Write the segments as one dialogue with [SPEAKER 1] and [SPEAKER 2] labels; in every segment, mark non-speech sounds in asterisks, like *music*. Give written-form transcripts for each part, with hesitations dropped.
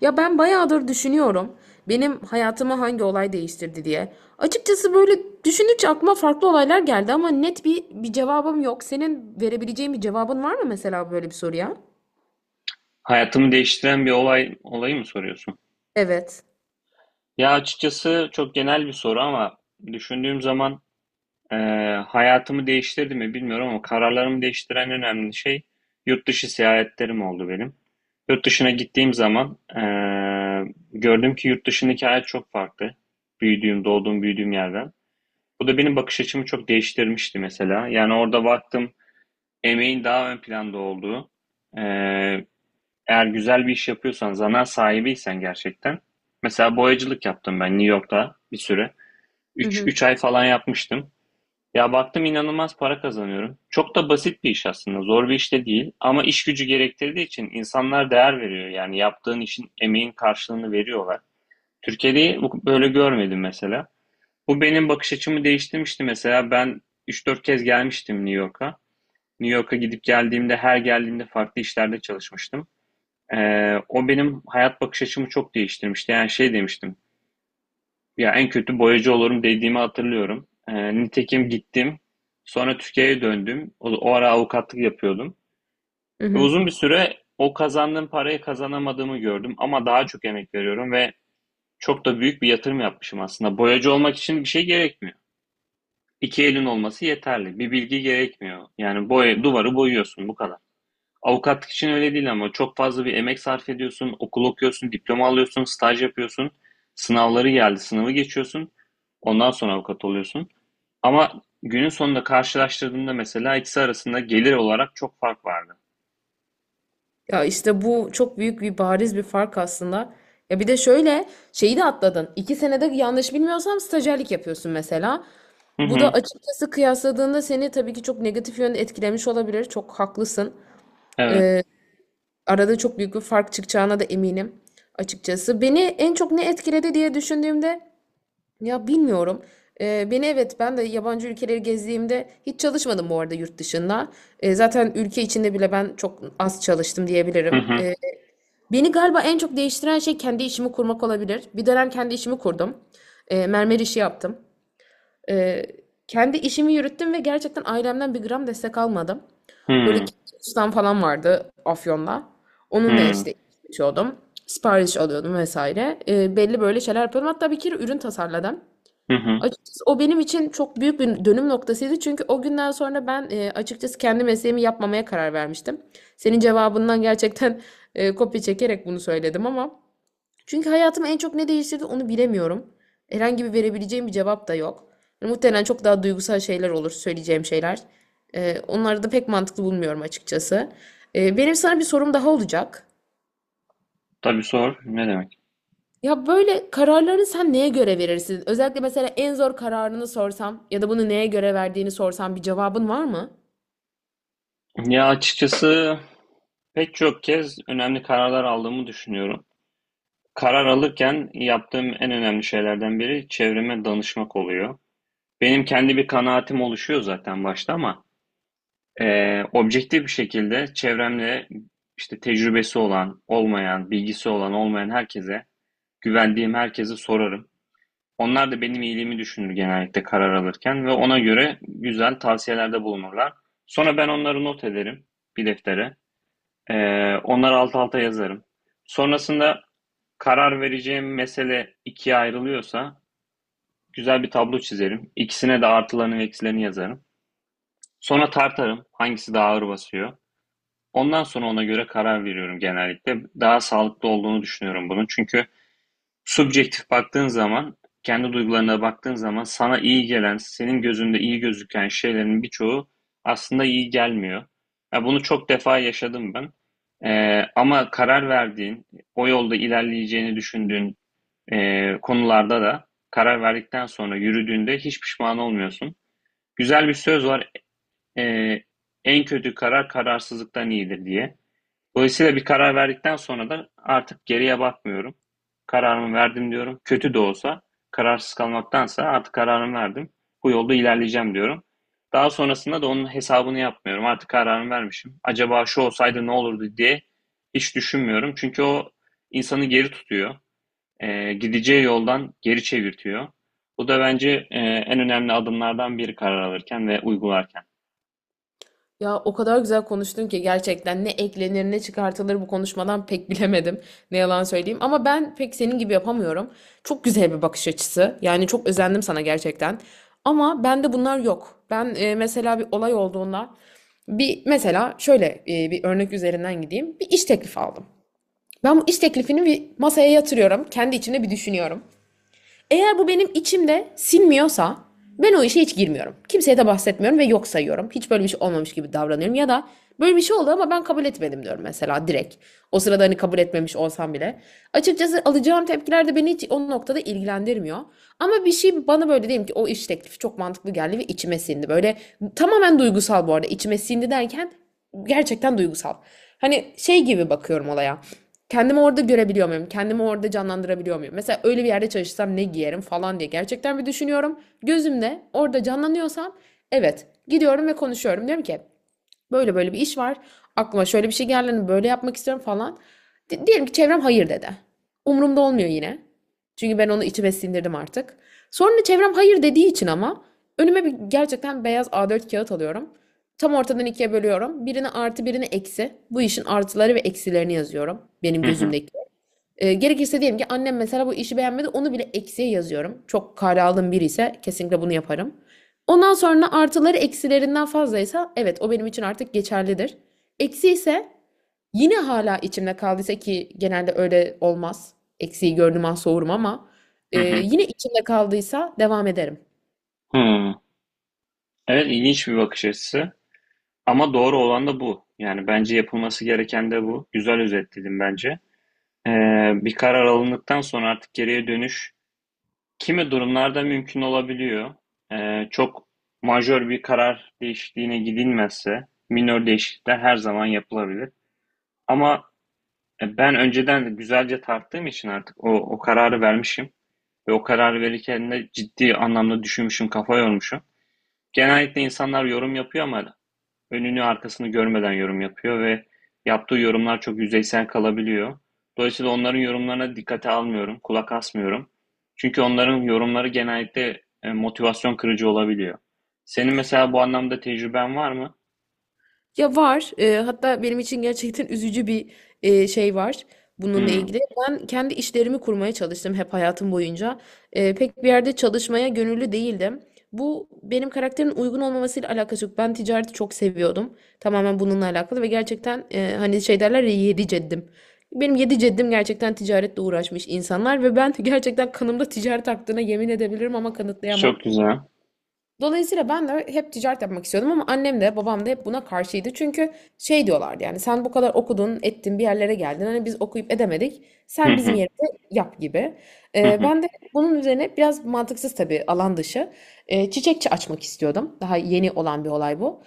[SPEAKER 1] Ya ben bayağıdır düşünüyorum. Benim hayatımı hangi olay değiştirdi diye. Açıkçası böyle düşününce aklıma farklı olaylar geldi ama net bir cevabım yok. Senin verebileceğin bir cevabın var mı mesela böyle bir soruya?
[SPEAKER 2] Hayatımı değiştiren bir olayı mı soruyorsun?
[SPEAKER 1] Evet.
[SPEAKER 2] Ya açıkçası çok genel bir soru ama düşündüğüm zaman e, hayatımı değiştirdi mi bilmiyorum ama kararlarımı değiştiren önemli şey yurt dışı seyahatlerim oldu benim. Yurt dışına gittiğim zaman gördüm ki yurt dışındaki hayat çok farklı. Büyüdüğüm, büyüdüğüm yerden. Bu da benim bakış açımı çok değiştirmişti mesela. Yani orada baktım emeğin daha ön planda olduğu, e, eğer güzel bir iş yapıyorsan, zanaat sahibiysen gerçekten. Mesela boyacılık yaptım ben New York'ta bir süre.
[SPEAKER 1] Hı
[SPEAKER 2] 3
[SPEAKER 1] hı.
[SPEAKER 2] 3 ay falan yapmıştım. Ya baktım inanılmaz para kazanıyorum. Çok da basit bir iş aslında. Zor bir iş de değil ama iş gücü gerektirdiği için insanlar değer veriyor. Yani yaptığın işin emeğin karşılığını veriyorlar. Türkiye'de böyle görmedim mesela. Bu benim bakış açımı değiştirmişti mesela. Ben 3-4 kez gelmiştim New York'a. New York'a gidip geldiğimde her geldiğimde farklı işlerde çalışmıştım. O benim hayat bakış açımı çok değiştirmişti. Yani şey demiştim. Ya en kötü boyacı olurum dediğimi hatırlıyorum. Nitekim gittim. Sonra Türkiye'ye döndüm. O ara avukatlık yapıyordum.
[SPEAKER 1] Hı
[SPEAKER 2] Ve
[SPEAKER 1] hı.
[SPEAKER 2] uzun bir süre o kazandığım parayı kazanamadığımı gördüm. Ama daha çok emek veriyorum ve çok da büyük bir yatırım yapmışım aslında. Boyacı olmak için bir şey gerekmiyor. İki elin olması yeterli. Bir bilgi gerekmiyor. Yani boya, duvarı boyuyorsun bu kadar. Avukatlık için öyle değil ama çok fazla bir emek sarf ediyorsun, okul okuyorsun, diploma alıyorsun, staj yapıyorsun, sınavı geçiyorsun, ondan sonra avukat oluyorsun. Ama günün sonunda karşılaştırdığında mesela ikisi arasında gelir olarak çok fark vardı.
[SPEAKER 1] Ya işte bu çok büyük bir bariz bir fark aslında. Ya bir de şöyle şeyi de atladın. İki senede yanlış bilmiyorsam stajyerlik yapıyorsun mesela.
[SPEAKER 2] Hı
[SPEAKER 1] Bu da
[SPEAKER 2] hı,
[SPEAKER 1] açıkçası kıyasladığında seni tabii ki çok negatif yönde etkilemiş olabilir. Çok haklısın.
[SPEAKER 2] evet.
[SPEAKER 1] Ee, Arada çok büyük bir fark çıkacağına da eminim açıkçası. Beni en çok ne etkiledi diye düşündüğümde ya bilmiyorum. Beni evet ben de yabancı ülkeleri gezdiğimde hiç çalışmadım bu arada yurt dışında. Zaten ülke içinde bile ben çok az çalıştım
[SPEAKER 2] Hı
[SPEAKER 1] diyebilirim.
[SPEAKER 2] hı,
[SPEAKER 1] Beni galiba en çok değiştiren şey kendi işimi kurmak olabilir. Bir dönem kendi işimi kurdum. Mermer işi yaptım. Ee, kendi işimi yürüttüm ve gerçekten ailemden bir gram destek almadım.
[SPEAKER 2] hı
[SPEAKER 1] Böyle
[SPEAKER 2] hı,
[SPEAKER 1] gitmiş ustam falan vardı Afyon'da. Onunla işte içiyordum. Sipariş alıyordum vesaire. Belli böyle şeyler yapıyordum. Hatta bir kere ürün tasarladım.
[SPEAKER 2] hı hı.
[SPEAKER 1] Açıkçası o benim için çok büyük bir dönüm noktasıydı. Çünkü o günden sonra ben açıkçası kendi mesleğimi yapmamaya karar vermiştim. Senin cevabından gerçekten kopya çekerek bunu söyledim ama çünkü hayatımı en çok ne değiştirdi onu bilemiyorum. Herhangi bir verebileceğim bir cevap da yok. Yani muhtemelen çok daha duygusal şeyler olur söyleyeceğim şeyler. Onları da pek mantıklı bulmuyorum açıkçası. Benim sana bir sorum daha olacak.
[SPEAKER 2] Tabii sor, ne demek?
[SPEAKER 1] Ya böyle kararlarını sen neye göre verirsin? Özellikle mesela en zor kararını sorsam ya da bunu neye göre verdiğini sorsam bir cevabın var mı?
[SPEAKER 2] Ya açıkçası pek çok kez önemli kararlar aldığımı düşünüyorum. Karar alırken yaptığım en önemli şeylerden biri çevreme danışmak oluyor. Benim kendi bir kanaatim oluşuyor zaten başta ama objektif bir şekilde çevremde işte tecrübesi olan, olmayan, bilgisi olan, olmayan herkese, güvendiğim herkese sorarım. Onlar da benim iyiliğimi düşünür genellikle karar alırken ve ona göre güzel tavsiyelerde bulunurlar. Sonra ben onları not ederim bir deftere. E, Onları alt alta yazarım. Sonrasında karar vereceğim mesele ikiye ayrılıyorsa güzel bir tablo çizerim. İkisine de artılarını ve eksilerini yazarım. Sonra tartarım hangisi daha ağır basıyor. Ondan sonra ona göre karar veriyorum genellikle. Daha sağlıklı olduğunu düşünüyorum bunun. Çünkü subjektif baktığın zaman, kendi duygularına baktığın zaman sana iyi gelen, senin gözünde iyi gözüken şeylerin birçoğu aslında iyi gelmiyor. Ya bunu çok defa yaşadım ben. Ama karar verdiğin, o yolda ilerleyeceğini düşündüğün konularda da karar verdikten sonra yürüdüğünde hiç pişman olmuyorsun. Güzel bir söz var eee, en kötü karar kararsızlıktan iyidir diye. Dolayısıyla bir karar verdikten sonra da artık geriye bakmıyorum. Kararımı verdim diyorum. Kötü de olsa kararsız kalmaktansa artık kararımı verdim. Bu yolda ilerleyeceğim diyorum. Daha sonrasında da onun hesabını yapmıyorum. Artık kararımı vermişim. Acaba şu olsaydı ne olurdu diye hiç düşünmüyorum. Çünkü o insanı geri tutuyor. Gideceği yoldan geri çevirtiyor. Bu da bence en önemli adımlardan biri karar alırken ve uygularken.
[SPEAKER 1] Ya o kadar güzel konuştun ki gerçekten ne eklenir ne çıkartılır bu konuşmadan pek *laughs* bilemedim. Ne yalan söyleyeyim ama ben pek senin gibi yapamıyorum. Çok güzel bir bakış açısı. Yani çok özendim sana gerçekten. Ama bende bunlar yok. Ben mesela bir olay olduğunda bir mesela şöyle bir örnek üzerinden gideyim. Bir iş teklifi aldım. Ben bu iş teklifini bir masaya yatırıyorum. Kendi içimde bir düşünüyorum. Eğer bu benim içimde sinmiyorsa ben o işe hiç girmiyorum. Kimseye de bahsetmiyorum ve yok sayıyorum. Hiç böyle bir şey olmamış gibi davranıyorum ya da böyle bir şey oldu ama ben kabul etmedim diyorum mesela direkt. O sırada hani kabul etmemiş olsam bile. Açıkçası alacağım tepkiler de beni hiç o noktada ilgilendirmiyor. Ama bir şey bana böyle diyelim ki o iş teklifi çok mantıklı geldi ve içime sindi. Böyle tamamen duygusal bu arada içime sindi derken gerçekten duygusal. Hani şey gibi bakıyorum olaya. Kendimi orada görebiliyor muyum? Kendimi orada canlandırabiliyor muyum? Mesela öyle bir yerde çalışsam ne giyerim falan diye gerçekten bir düşünüyorum. Gözümde orada canlanıyorsam evet gidiyorum ve konuşuyorum. Diyorum ki böyle böyle bir iş var. Aklıma şöyle bir şey geldi. Hani böyle yapmak istiyorum falan. Diyelim ki çevrem hayır dedi. Umurumda olmuyor yine. Çünkü ben onu içime sindirdim artık. Sonra çevrem hayır dediği için ama önüme bir gerçekten beyaz A4 kağıt alıyorum. Tam ortadan ikiye bölüyorum. Birine artı birine eksi. Bu işin artıları ve eksilerini yazıyorum. Benim
[SPEAKER 2] Hı hı,
[SPEAKER 1] gözümdeki. Gerekirse diyelim ki annem mesela bu işi beğenmedi. Onu bile eksiye yazıyorum. Çok kale aldığım biri ise kesinlikle bunu yaparım. Ondan sonra artıları eksilerinden fazlaysa evet o benim için artık geçerlidir. Eksi ise yine hala içimde kaldıysa ki genelde öyle olmaz. Eksiği gördüğüm an soğurum ama
[SPEAKER 2] hı hı.
[SPEAKER 1] yine içimde kaldıysa devam ederim.
[SPEAKER 2] Hmm. Evet, ilginç bir bakış açısı. Ama doğru olan da bu. Yani bence yapılması gereken de bu. Güzel özetledin bence. Bir karar alındıktan sonra artık geriye dönüş kimi durumlarda mümkün olabiliyor. Çok majör bir karar değişikliğine gidilmezse minör değişiklikler her zaman yapılabilir. Ama ben önceden de güzelce tarttığım için artık o kararı vermişim. Ve o kararı verirken de ciddi anlamda düşünmüşüm, kafa yormuşum. Genellikle insanlar yorum yapıyor ama önünü arkasını görmeden yorum yapıyor ve yaptığı yorumlar çok yüzeysel kalabiliyor. Dolayısıyla onların yorumlarına dikkate almıyorum, kulak asmıyorum. Çünkü onların yorumları genellikle motivasyon kırıcı olabiliyor. Senin mesela bu anlamda tecrüben var mı?
[SPEAKER 1] Ya var. Hatta benim için gerçekten üzücü bir şey var bununla
[SPEAKER 2] Hmm,
[SPEAKER 1] ilgili. Ben kendi işlerimi kurmaya çalıştım hep hayatım boyunca. Pek bir yerde çalışmaya gönüllü değildim. Bu benim karakterimin uygun olmamasıyla alakası yok. Ben ticareti çok seviyordum. Tamamen bununla alakalı ve gerçekten hani şey derler ya yedi ceddim. Benim yedi ceddim gerçekten ticaretle uğraşmış insanlar ve ben *laughs* gerçekten kanımda ticaret aktığına yemin edebilirim ama
[SPEAKER 2] çok
[SPEAKER 1] kanıtlayamam.
[SPEAKER 2] güzel.
[SPEAKER 1] Dolayısıyla ben de hep ticaret yapmak istiyordum ama annem de babam da hep buna karşıydı. Çünkü şey diyorlardı yani sen bu kadar okudun, ettin, bir yerlere geldin. Hani biz okuyup edemedik.
[SPEAKER 2] *laughs*
[SPEAKER 1] Sen bizim
[SPEAKER 2] Hı.
[SPEAKER 1] yerimize yap gibi. Ben de bunun üzerine biraz mantıksız tabii alan dışı çiçekçi açmak istiyordum. Daha yeni olan bir olay bu.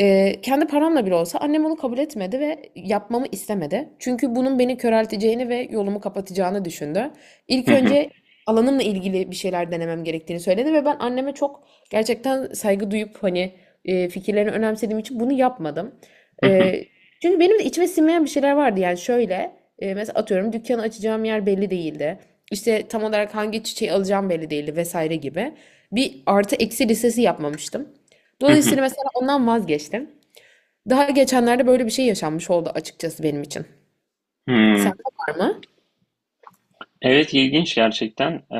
[SPEAKER 1] Kendi paramla bile olsa annem onu kabul etmedi ve yapmamı istemedi. Çünkü bunun beni körelteceğini ve yolumu kapatacağını düşündü. İlk önce alanımla ilgili bir şeyler denemem gerektiğini söyledi ve ben anneme çok gerçekten saygı duyup hani fikirlerini önemsediğim için bunu yapmadım. E, çünkü benim de içime sinmeyen bir şeyler vardı. Yani şöyle mesela atıyorum dükkanı açacağım yer belli değildi. İşte tam olarak hangi çiçeği alacağım belli değildi vesaire gibi. Bir artı eksi listesi yapmamıştım. Dolayısıyla mesela ondan vazgeçtim. Daha geçenlerde böyle bir şey yaşanmış oldu açıkçası benim için. Sende var mı?
[SPEAKER 2] Evet, ilginç gerçekten.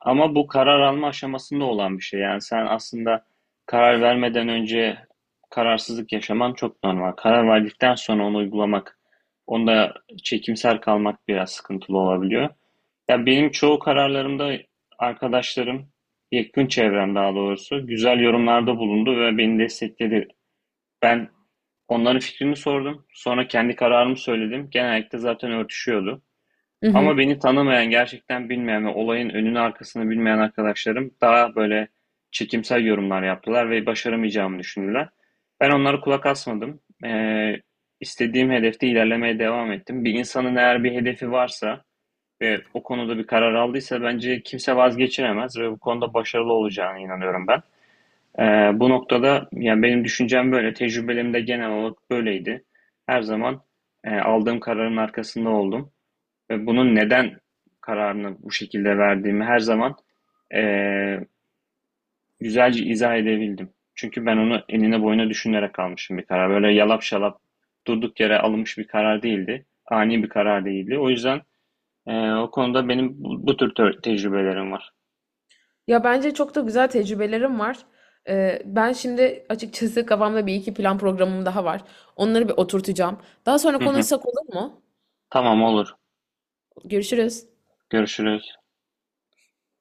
[SPEAKER 2] Ama bu karar alma aşamasında olan bir şey, yani sen aslında karar vermeden önce kararsızlık yaşaman çok normal. Karar verdikten sonra onu uygulamak, onda çekimser kalmak biraz sıkıntılı olabiliyor. Ya benim çoğu kararlarımda arkadaşlarım, yakın çevrem daha doğrusu güzel yorumlarda bulundu ve beni destekledi. Ben onların fikrini sordum, sonra kendi kararımı söyledim. Genellikle zaten örtüşüyordu. Ama
[SPEAKER 1] Hı.
[SPEAKER 2] beni tanımayan, gerçekten bilmeyen ve olayın önünü arkasını bilmeyen arkadaşlarım daha böyle çekimsel yorumlar yaptılar ve başaramayacağımı düşündüler. Ben onlara kulak asmadım. İstediğim hedefte ilerlemeye devam ettim. Bir insanın eğer bir hedefi varsa ve o konuda bir karar aldıysa bence kimse vazgeçiremez ve bu konuda başarılı olacağına inanıyorum ben. Bu noktada yani benim düşüncem böyle, tecrübelerim de genel olarak böyleydi. Her zaman aldığım kararın arkasında oldum. Bunun neden kararını bu şekilde verdiğimi her zaman eee, güzelce izah edebildim. Çünkü ben onu enine boyuna düşünerek almışım bir karar. Böyle yalap şalap durduk yere alınmış bir karar değildi. Ani bir karar değildi. O yüzden o konuda benim bu tür tecrübelerim var.
[SPEAKER 1] Ya bence çok da güzel tecrübelerim var. Ben şimdi açıkçası kafamda bir iki plan programım daha var. Onları bir oturtacağım. Daha sonra
[SPEAKER 2] Hı hı.
[SPEAKER 1] konuşsak olur mu?
[SPEAKER 2] Tamam, olur.
[SPEAKER 1] Görüşürüz.
[SPEAKER 2] Görüşürüz.